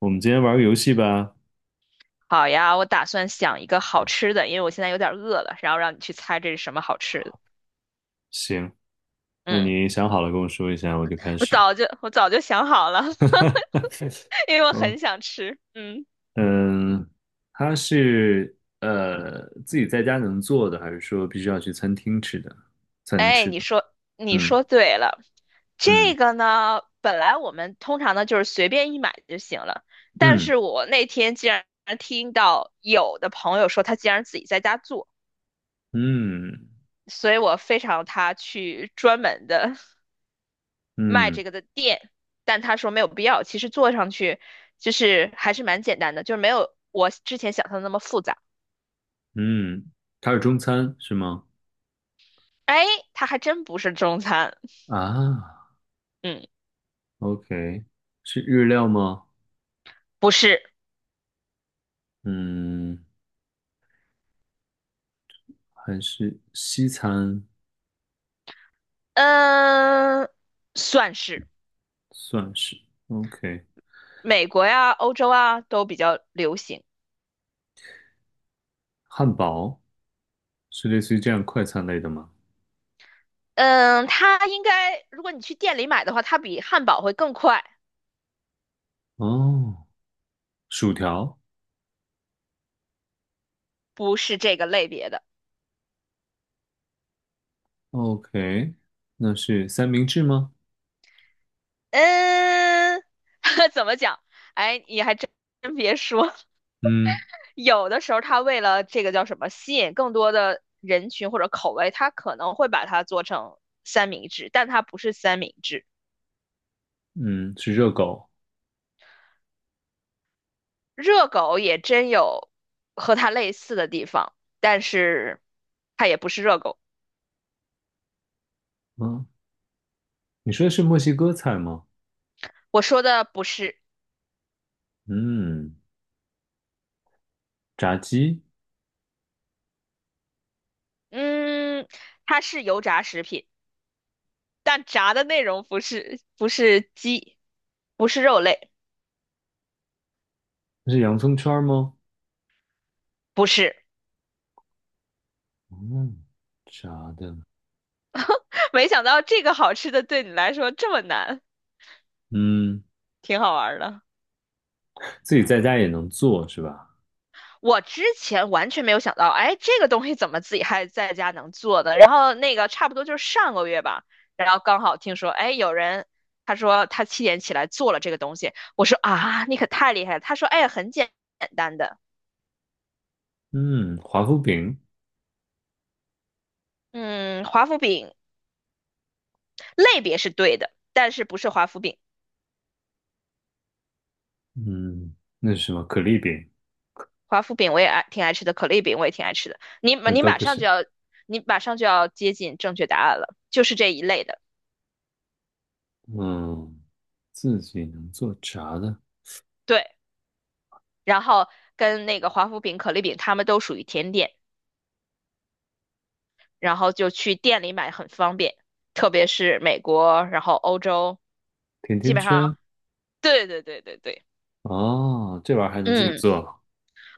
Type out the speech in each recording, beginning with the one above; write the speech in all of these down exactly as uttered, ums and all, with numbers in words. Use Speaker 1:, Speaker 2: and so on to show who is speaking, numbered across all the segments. Speaker 1: 我们今天玩个游戏吧。
Speaker 2: 好呀，我打算想一个好吃的，因为我现在有点饿了，然后让你去猜这是什么好吃的。
Speaker 1: 行，那
Speaker 2: 嗯，
Speaker 1: 你想好了跟我说一下，我就开
Speaker 2: 我
Speaker 1: 始。
Speaker 2: 早就我早就想好了，因为我很
Speaker 1: OK，
Speaker 2: 想吃。嗯，
Speaker 1: 嗯，它是呃自己在家能做的，还是说必须要去餐厅吃的才能
Speaker 2: 哎，
Speaker 1: 吃
Speaker 2: 你
Speaker 1: 的？
Speaker 2: 说你
Speaker 1: 嗯
Speaker 2: 说对了，
Speaker 1: 嗯
Speaker 2: 这个呢，本来我们通常呢就是随便一买就行了，但
Speaker 1: 嗯
Speaker 2: 是我那天竟然听到有的朋友说他竟然自己在家做，
Speaker 1: 嗯
Speaker 2: 所以我非常他去专门的卖
Speaker 1: 嗯
Speaker 2: 这个的店，但他说没有必要。其实做上去就是还是蛮简单的，就是没有我之前想象的那么复杂。
Speaker 1: 嗯，它是中餐是吗？
Speaker 2: 哎，它还真不是中餐，
Speaker 1: 啊
Speaker 2: 嗯，
Speaker 1: ，OK，是日料吗？
Speaker 2: 不是，
Speaker 1: 嗯，还是西餐
Speaker 2: 嗯，算是
Speaker 1: 算是 OK，
Speaker 2: 美国呀、欧洲啊都比较流行。
Speaker 1: 汉堡。是类似于这样快餐类的吗？
Speaker 2: 嗯，它应该如果你去店里买的话，它比汉堡会更快，
Speaker 1: 哦，薯条
Speaker 2: 不是这个类别的。
Speaker 1: ，OK，那是三明治吗？
Speaker 2: 嗯，怎么讲？哎，你还真真别说，
Speaker 1: 嗯
Speaker 2: 有的时候他为了这个叫什么，吸引更多的人群或者口味，他可能会把它做成三明治，但它不是三明治。
Speaker 1: 嗯，是热狗。
Speaker 2: 热狗也真有和它类似的地方，但是它也不是热狗。
Speaker 1: 嗯，你说的是墨西哥菜吗？
Speaker 2: 我说的不是，
Speaker 1: 嗯，炸鸡，
Speaker 2: 嗯，它是油炸食品，但炸的内容不是不是鸡，不是肉类，
Speaker 1: 那是洋葱圈儿吗？
Speaker 2: 不是。
Speaker 1: 嗯，炸的，
Speaker 2: 没想到这个好吃的对你来说这么难，
Speaker 1: 嗯，
Speaker 2: 挺好玩儿的。
Speaker 1: 自己在家也能做是吧？
Speaker 2: 我之前完全没有想到，哎，这个东西怎么自己还在家能做的？然后那个差不多就是上个月吧，然后刚好听说，哎，有人他说他七点起来做了这个东西，我说啊，你可太厉害了。他说，哎，很简简单的，
Speaker 1: 嗯，华夫饼，
Speaker 2: 嗯，华夫饼类别是对的，但是不是华夫饼，
Speaker 1: 嗯，那是什么？可丽饼，
Speaker 2: 华夫饼我也爱挺爱吃的，可丽饼我也挺爱吃的。你
Speaker 1: 那
Speaker 2: 你
Speaker 1: 都
Speaker 2: 马
Speaker 1: 不
Speaker 2: 上就
Speaker 1: 是。
Speaker 2: 要你马上就要接近正确答案了，就是这一类的，
Speaker 1: 嗯，自己能做炸的
Speaker 2: 对。然后跟那个华夫饼、可丽饼，它们都属于甜点。然后就去店里买很方便，特别是美国，然后欧洲，
Speaker 1: 甜
Speaker 2: 基
Speaker 1: 甜
Speaker 2: 本上，
Speaker 1: 圈，
Speaker 2: 对对对对对，
Speaker 1: 哦，这玩意儿还能自己
Speaker 2: 嗯，
Speaker 1: 做。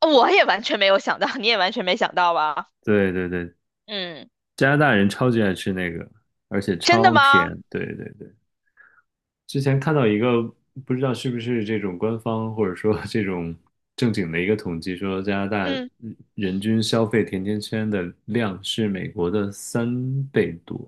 Speaker 2: 哦我也完全没有想到，你也完全没想到吧？
Speaker 1: 对对对，
Speaker 2: 嗯，
Speaker 1: 加拿大人超级爱吃那个，而且
Speaker 2: 真的
Speaker 1: 超
Speaker 2: 吗？
Speaker 1: 甜。对对对，之前看到一个不知道是不是这种官方或者说 这种正经的一个统计，说加拿大
Speaker 2: 嗯
Speaker 1: 人均消费甜甜圈的量是美国的三倍多，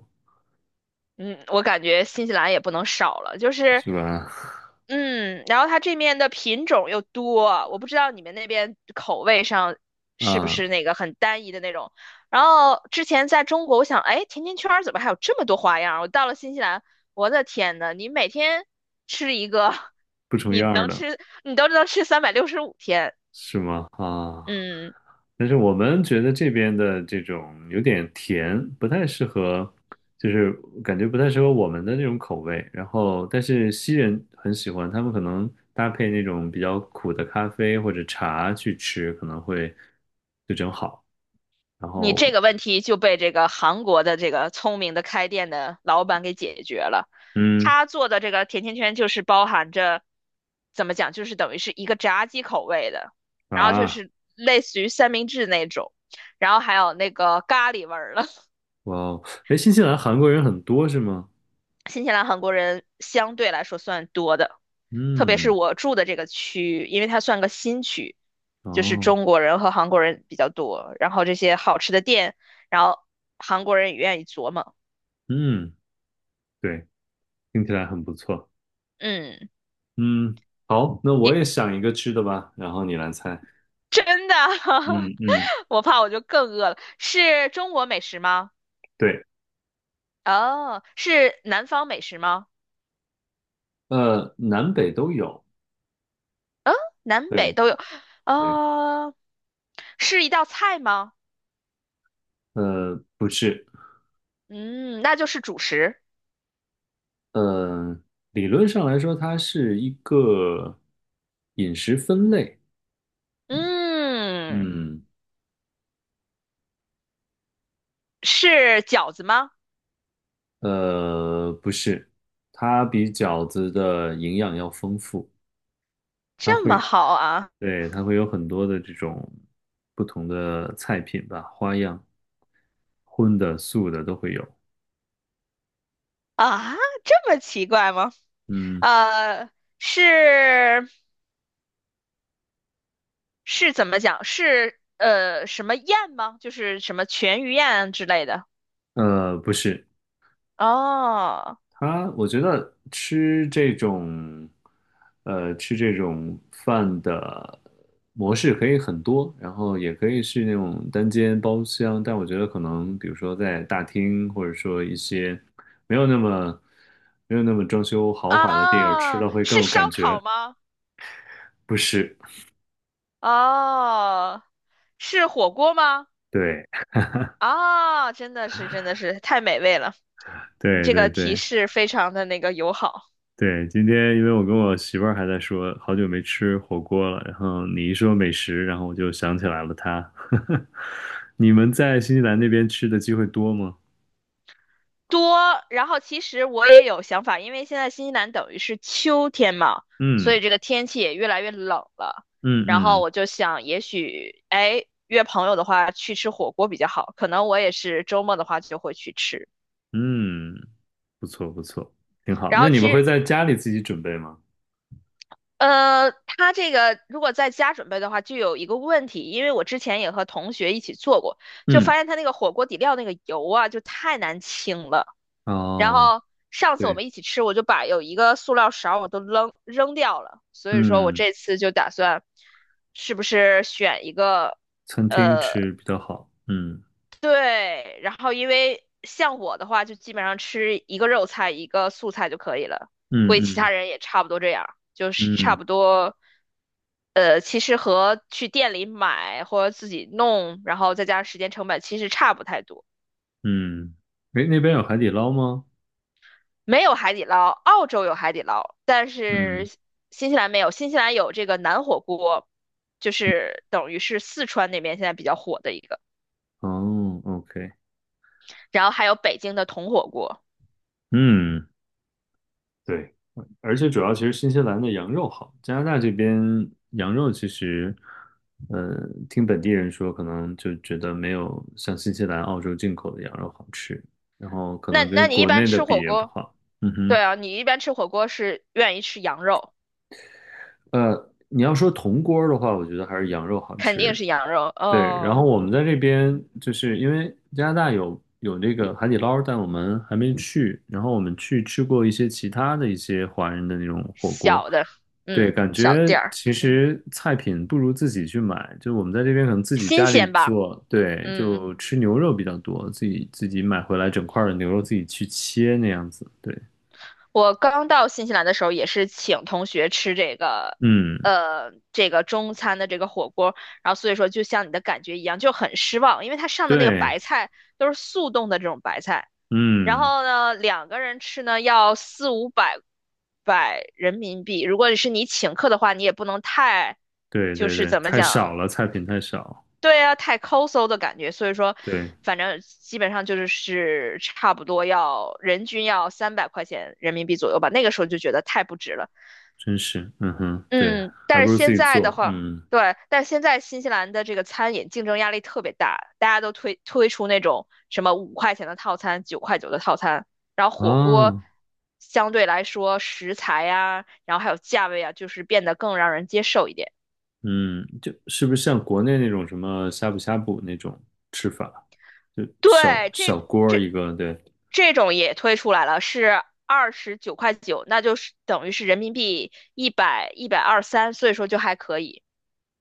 Speaker 2: 嗯，我感觉新西兰也不能少了，就是
Speaker 1: 是吧？
Speaker 2: 嗯，然后它这面的品种又多，我不知道你们那边口味上是不是
Speaker 1: 啊，
Speaker 2: 那个很单一的那种。然后之前在中国，我想，哎，甜甜圈儿怎么还有这么多花样儿？我到了新西兰，我的天呐，你每天吃一个，
Speaker 1: 不重
Speaker 2: 你
Speaker 1: 样儿
Speaker 2: 能
Speaker 1: 的。
Speaker 2: 吃，你都能吃三百六十五天。
Speaker 1: 是吗？啊，
Speaker 2: 嗯，
Speaker 1: 但是我们觉得这边的这种有点甜，不太适合，就是感觉不太适合我们的那种口味。然后，但是西人很喜欢，他们可能搭配那种比较苦的咖啡或者茶去吃，可能会就正好。然
Speaker 2: 你
Speaker 1: 后，
Speaker 2: 这个问题就被这个韩国的这个聪明的开店的老板给解决了。
Speaker 1: 嗯，
Speaker 2: 他做的这个甜甜圈就是包含着，怎么讲，就是等于是一个炸鸡口味的，然后就
Speaker 1: 啊，
Speaker 2: 是类似于三明治那种，然后还有那个咖喱味儿了。
Speaker 1: 哇哦，哎，新西兰韩国人很多是吗？
Speaker 2: 新西兰韩国人相对来说算多的，特别是
Speaker 1: 嗯，
Speaker 2: 我住的这个区域，因为它算个新区，就是
Speaker 1: 哦，
Speaker 2: 中国人和韩国人比较多，然后这些好吃的店，然后韩国人也愿意琢磨，
Speaker 1: 嗯，对，听起来很不错。
Speaker 2: 嗯。
Speaker 1: 嗯，好，那
Speaker 2: 你
Speaker 1: 我也想一个吃的吧，然后你来猜。
Speaker 2: 真的？
Speaker 1: 嗯嗯，
Speaker 2: 我怕我就更饿了。是中国美食吗？
Speaker 1: 对，
Speaker 2: 哦，是南方美食吗？
Speaker 1: 呃，南北都有，
Speaker 2: 南北
Speaker 1: 对
Speaker 2: 都有。
Speaker 1: 对，
Speaker 2: 呃，是一道菜吗？
Speaker 1: 呃，不是，
Speaker 2: 嗯，那就是主食。
Speaker 1: 呃，理论上来说，它是一个饮食分类，
Speaker 2: 嗯，
Speaker 1: 嗯，
Speaker 2: 是饺子吗？
Speaker 1: 呃，不是，它比饺子的营养要丰富，它
Speaker 2: 这么
Speaker 1: 会，
Speaker 2: 好啊！
Speaker 1: 对，它会有很多的这种不同的菜品吧，花样，荤的、素的都会有，
Speaker 2: 啊，这么奇怪吗？
Speaker 1: 嗯。
Speaker 2: 呃，是是怎么讲？是呃什么宴吗？就是什么全鱼宴之类的。
Speaker 1: 呃，不是，
Speaker 2: 哦，
Speaker 1: 他，我觉得吃这种，呃，吃这种饭的模式可以很多，然后也可以是那种单间包厢，但我觉得可能，比如说在大厅，或者说一些没有那么没有那么装修豪华的地儿，吃
Speaker 2: 啊，
Speaker 1: 了会更
Speaker 2: 是
Speaker 1: 有
Speaker 2: 烧
Speaker 1: 感
Speaker 2: 烤
Speaker 1: 觉。
Speaker 2: 吗？
Speaker 1: 不是，
Speaker 2: 哦，是火锅吗？
Speaker 1: 对，
Speaker 2: 啊，真的是，真的是太美味了！你
Speaker 1: 对
Speaker 2: 这
Speaker 1: 对
Speaker 2: 个提
Speaker 1: 对。
Speaker 2: 示非常的那个友好
Speaker 1: 对，今天因为我跟我媳妇儿还在说，好久没吃火锅了，然后你一说美食，然后我就想起来了她。你们在新西兰那边吃的机会多吗？
Speaker 2: 多。然后其实我也有想法，因为现在新西兰等于是秋天嘛，所
Speaker 1: 嗯
Speaker 2: 以这个天气也越来越冷了。
Speaker 1: 嗯
Speaker 2: 然后
Speaker 1: 嗯
Speaker 2: 我就想，也许哎约朋友的话去吃火锅比较好，可能我也是周末的话就会去吃。
Speaker 1: 嗯，不错不错，挺好。
Speaker 2: 然
Speaker 1: 那
Speaker 2: 后
Speaker 1: 你
Speaker 2: 其
Speaker 1: 们会
Speaker 2: 实
Speaker 1: 在家里自己准备吗？
Speaker 2: 呃，它这个如果在家准备的话，就有一个问题，因为我之前也和同学一起做过，就
Speaker 1: 嗯，
Speaker 2: 发现它那个火锅底料那个油啊，就太难清了。然
Speaker 1: 哦，
Speaker 2: 后上次我
Speaker 1: 对，
Speaker 2: 们一起吃，我就把有一个塑料勺我都扔扔掉了，所以说我
Speaker 1: 嗯，
Speaker 2: 这次就打算是不是选一个
Speaker 1: 餐厅
Speaker 2: 呃。
Speaker 1: 吃比较好。嗯
Speaker 2: 对，然后因为像我的话，就基本上吃一个肉菜一个素菜就可以了，
Speaker 1: 嗯
Speaker 2: 估计其他
Speaker 1: 嗯
Speaker 2: 人也差不多这样，就是差
Speaker 1: 嗯
Speaker 2: 不多。呃，其实和去店里买或者自己弄，然后再加上时间成本，其实差不太多。
Speaker 1: 嗯，诶，那边有海底捞吗？
Speaker 2: 没有海底捞，澳洲有海底捞，但是
Speaker 1: 嗯，
Speaker 2: 新西兰没有。新西兰有这个南火锅，就是等于是四川那边现在比较火的一个，
Speaker 1: 哦，OK,
Speaker 2: 然后还有北京的铜火锅。
Speaker 1: 嗯。对，而且主要其实新西兰的羊肉好，加拿大这边羊肉其实，呃，听本地人说，可能就觉得没有像新西兰、澳洲进口的羊肉好吃，然后可
Speaker 2: 那
Speaker 1: 能
Speaker 2: 那
Speaker 1: 跟
Speaker 2: 你一
Speaker 1: 国
Speaker 2: 般
Speaker 1: 内的
Speaker 2: 吃
Speaker 1: 比
Speaker 2: 火
Speaker 1: 也不
Speaker 2: 锅？
Speaker 1: 好。嗯
Speaker 2: 对
Speaker 1: 哼，
Speaker 2: 啊，你一般吃火锅是愿意吃羊肉，
Speaker 1: 呃，你要说铜锅儿的话，我觉得还是羊肉好
Speaker 2: 肯定
Speaker 1: 吃，
Speaker 2: 是羊肉。
Speaker 1: 对，然后
Speaker 2: 哦，
Speaker 1: 我们在这边就是因为加拿大有有那个海底捞，但我们还没去。然后我们去吃过一些其他的一些华人的那种火锅，
Speaker 2: 小的，
Speaker 1: 对，
Speaker 2: 嗯，
Speaker 1: 感
Speaker 2: 小
Speaker 1: 觉
Speaker 2: 店儿，
Speaker 1: 其
Speaker 2: 嗯，
Speaker 1: 实菜品不如自己去买，就我们在这边可能自己
Speaker 2: 新
Speaker 1: 家里
Speaker 2: 鲜吧，
Speaker 1: 做，对，
Speaker 2: 嗯。
Speaker 1: 就吃牛肉比较多，自己自己买回来整块儿的牛肉自己去切那样子，对，
Speaker 2: 我刚到新西兰的时候也是请同学吃这个，
Speaker 1: 嗯，
Speaker 2: 呃，这个中餐的这个火锅，然后所以说就像你的感觉一样，就很失望，因为它上的那个
Speaker 1: 对，
Speaker 2: 白菜都是速冻的这种白菜。然
Speaker 1: 嗯，
Speaker 2: 后呢，两个人吃呢要四五百百人民币。如果是你请客的话，你也不能太，
Speaker 1: 对
Speaker 2: 就
Speaker 1: 对
Speaker 2: 是
Speaker 1: 对，
Speaker 2: 怎么
Speaker 1: 太
Speaker 2: 讲，
Speaker 1: 少了，菜品太少，
Speaker 2: 对啊，太抠搜的感觉。所以说，
Speaker 1: 对。
Speaker 2: 反正基本上就是是差不多要人均要三百块钱人民币左右吧。那个时候就觉得太不值了。
Speaker 1: 真是，嗯哼，对，
Speaker 2: 嗯，
Speaker 1: 还
Speaker 2: 但
Speaker 1: 不
Speaker 2: 是
Speaker 1: 如自
Speaker 2: 现
Speaker 1: 己
Speaker 2: 在的
Speaker 1: 做，
Speaker 2: 话，
Speaker 1: 嗯
Speaker 2: 对，但是现在新西兰的这个餐饮竞争压力特别大，大家都推推出那种什么五块钱的套餐、九块九的套餐，然后火锅
Speaker 1: 啊，
Speaker 2: 相对来说食材呀、然后还有价位啊，就是变得更让人接受一点。
Speaker 1: 嗯，就是不是像国内那种什么呷哺呷哺那种吃法，就小
Speaker 2: 对，这
Speaker 1: 小锅儿
Speaker 2: 这
Speaker 1: 一个，对，
Speaker 2: 这种也推出来了，是二十九块九，那就是等于是人民币一百一百二三，一百二十三所以说就还可以，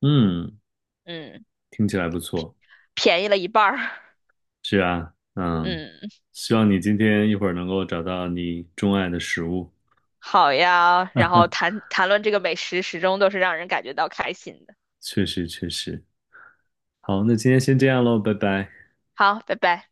Speaker 1: 嗯，
Speaker 2: 嗯，
Speaker 1: 听起来不错，
Speaker 2: 便宜了一半儿，
Speaker 1: 是啊，嗯，
Speaker 2: 嗯。
Speaker 1: 希望你今天一会儿能够找到你钟爱的食物，
Speaker 2: 好呀，然后谈谈论这个美食，始终都是让人感觉到开心的。
Speaker 1: 确实确实，好，那今天先这样喽，拜拜。
Speaker 2: 好，拜拜。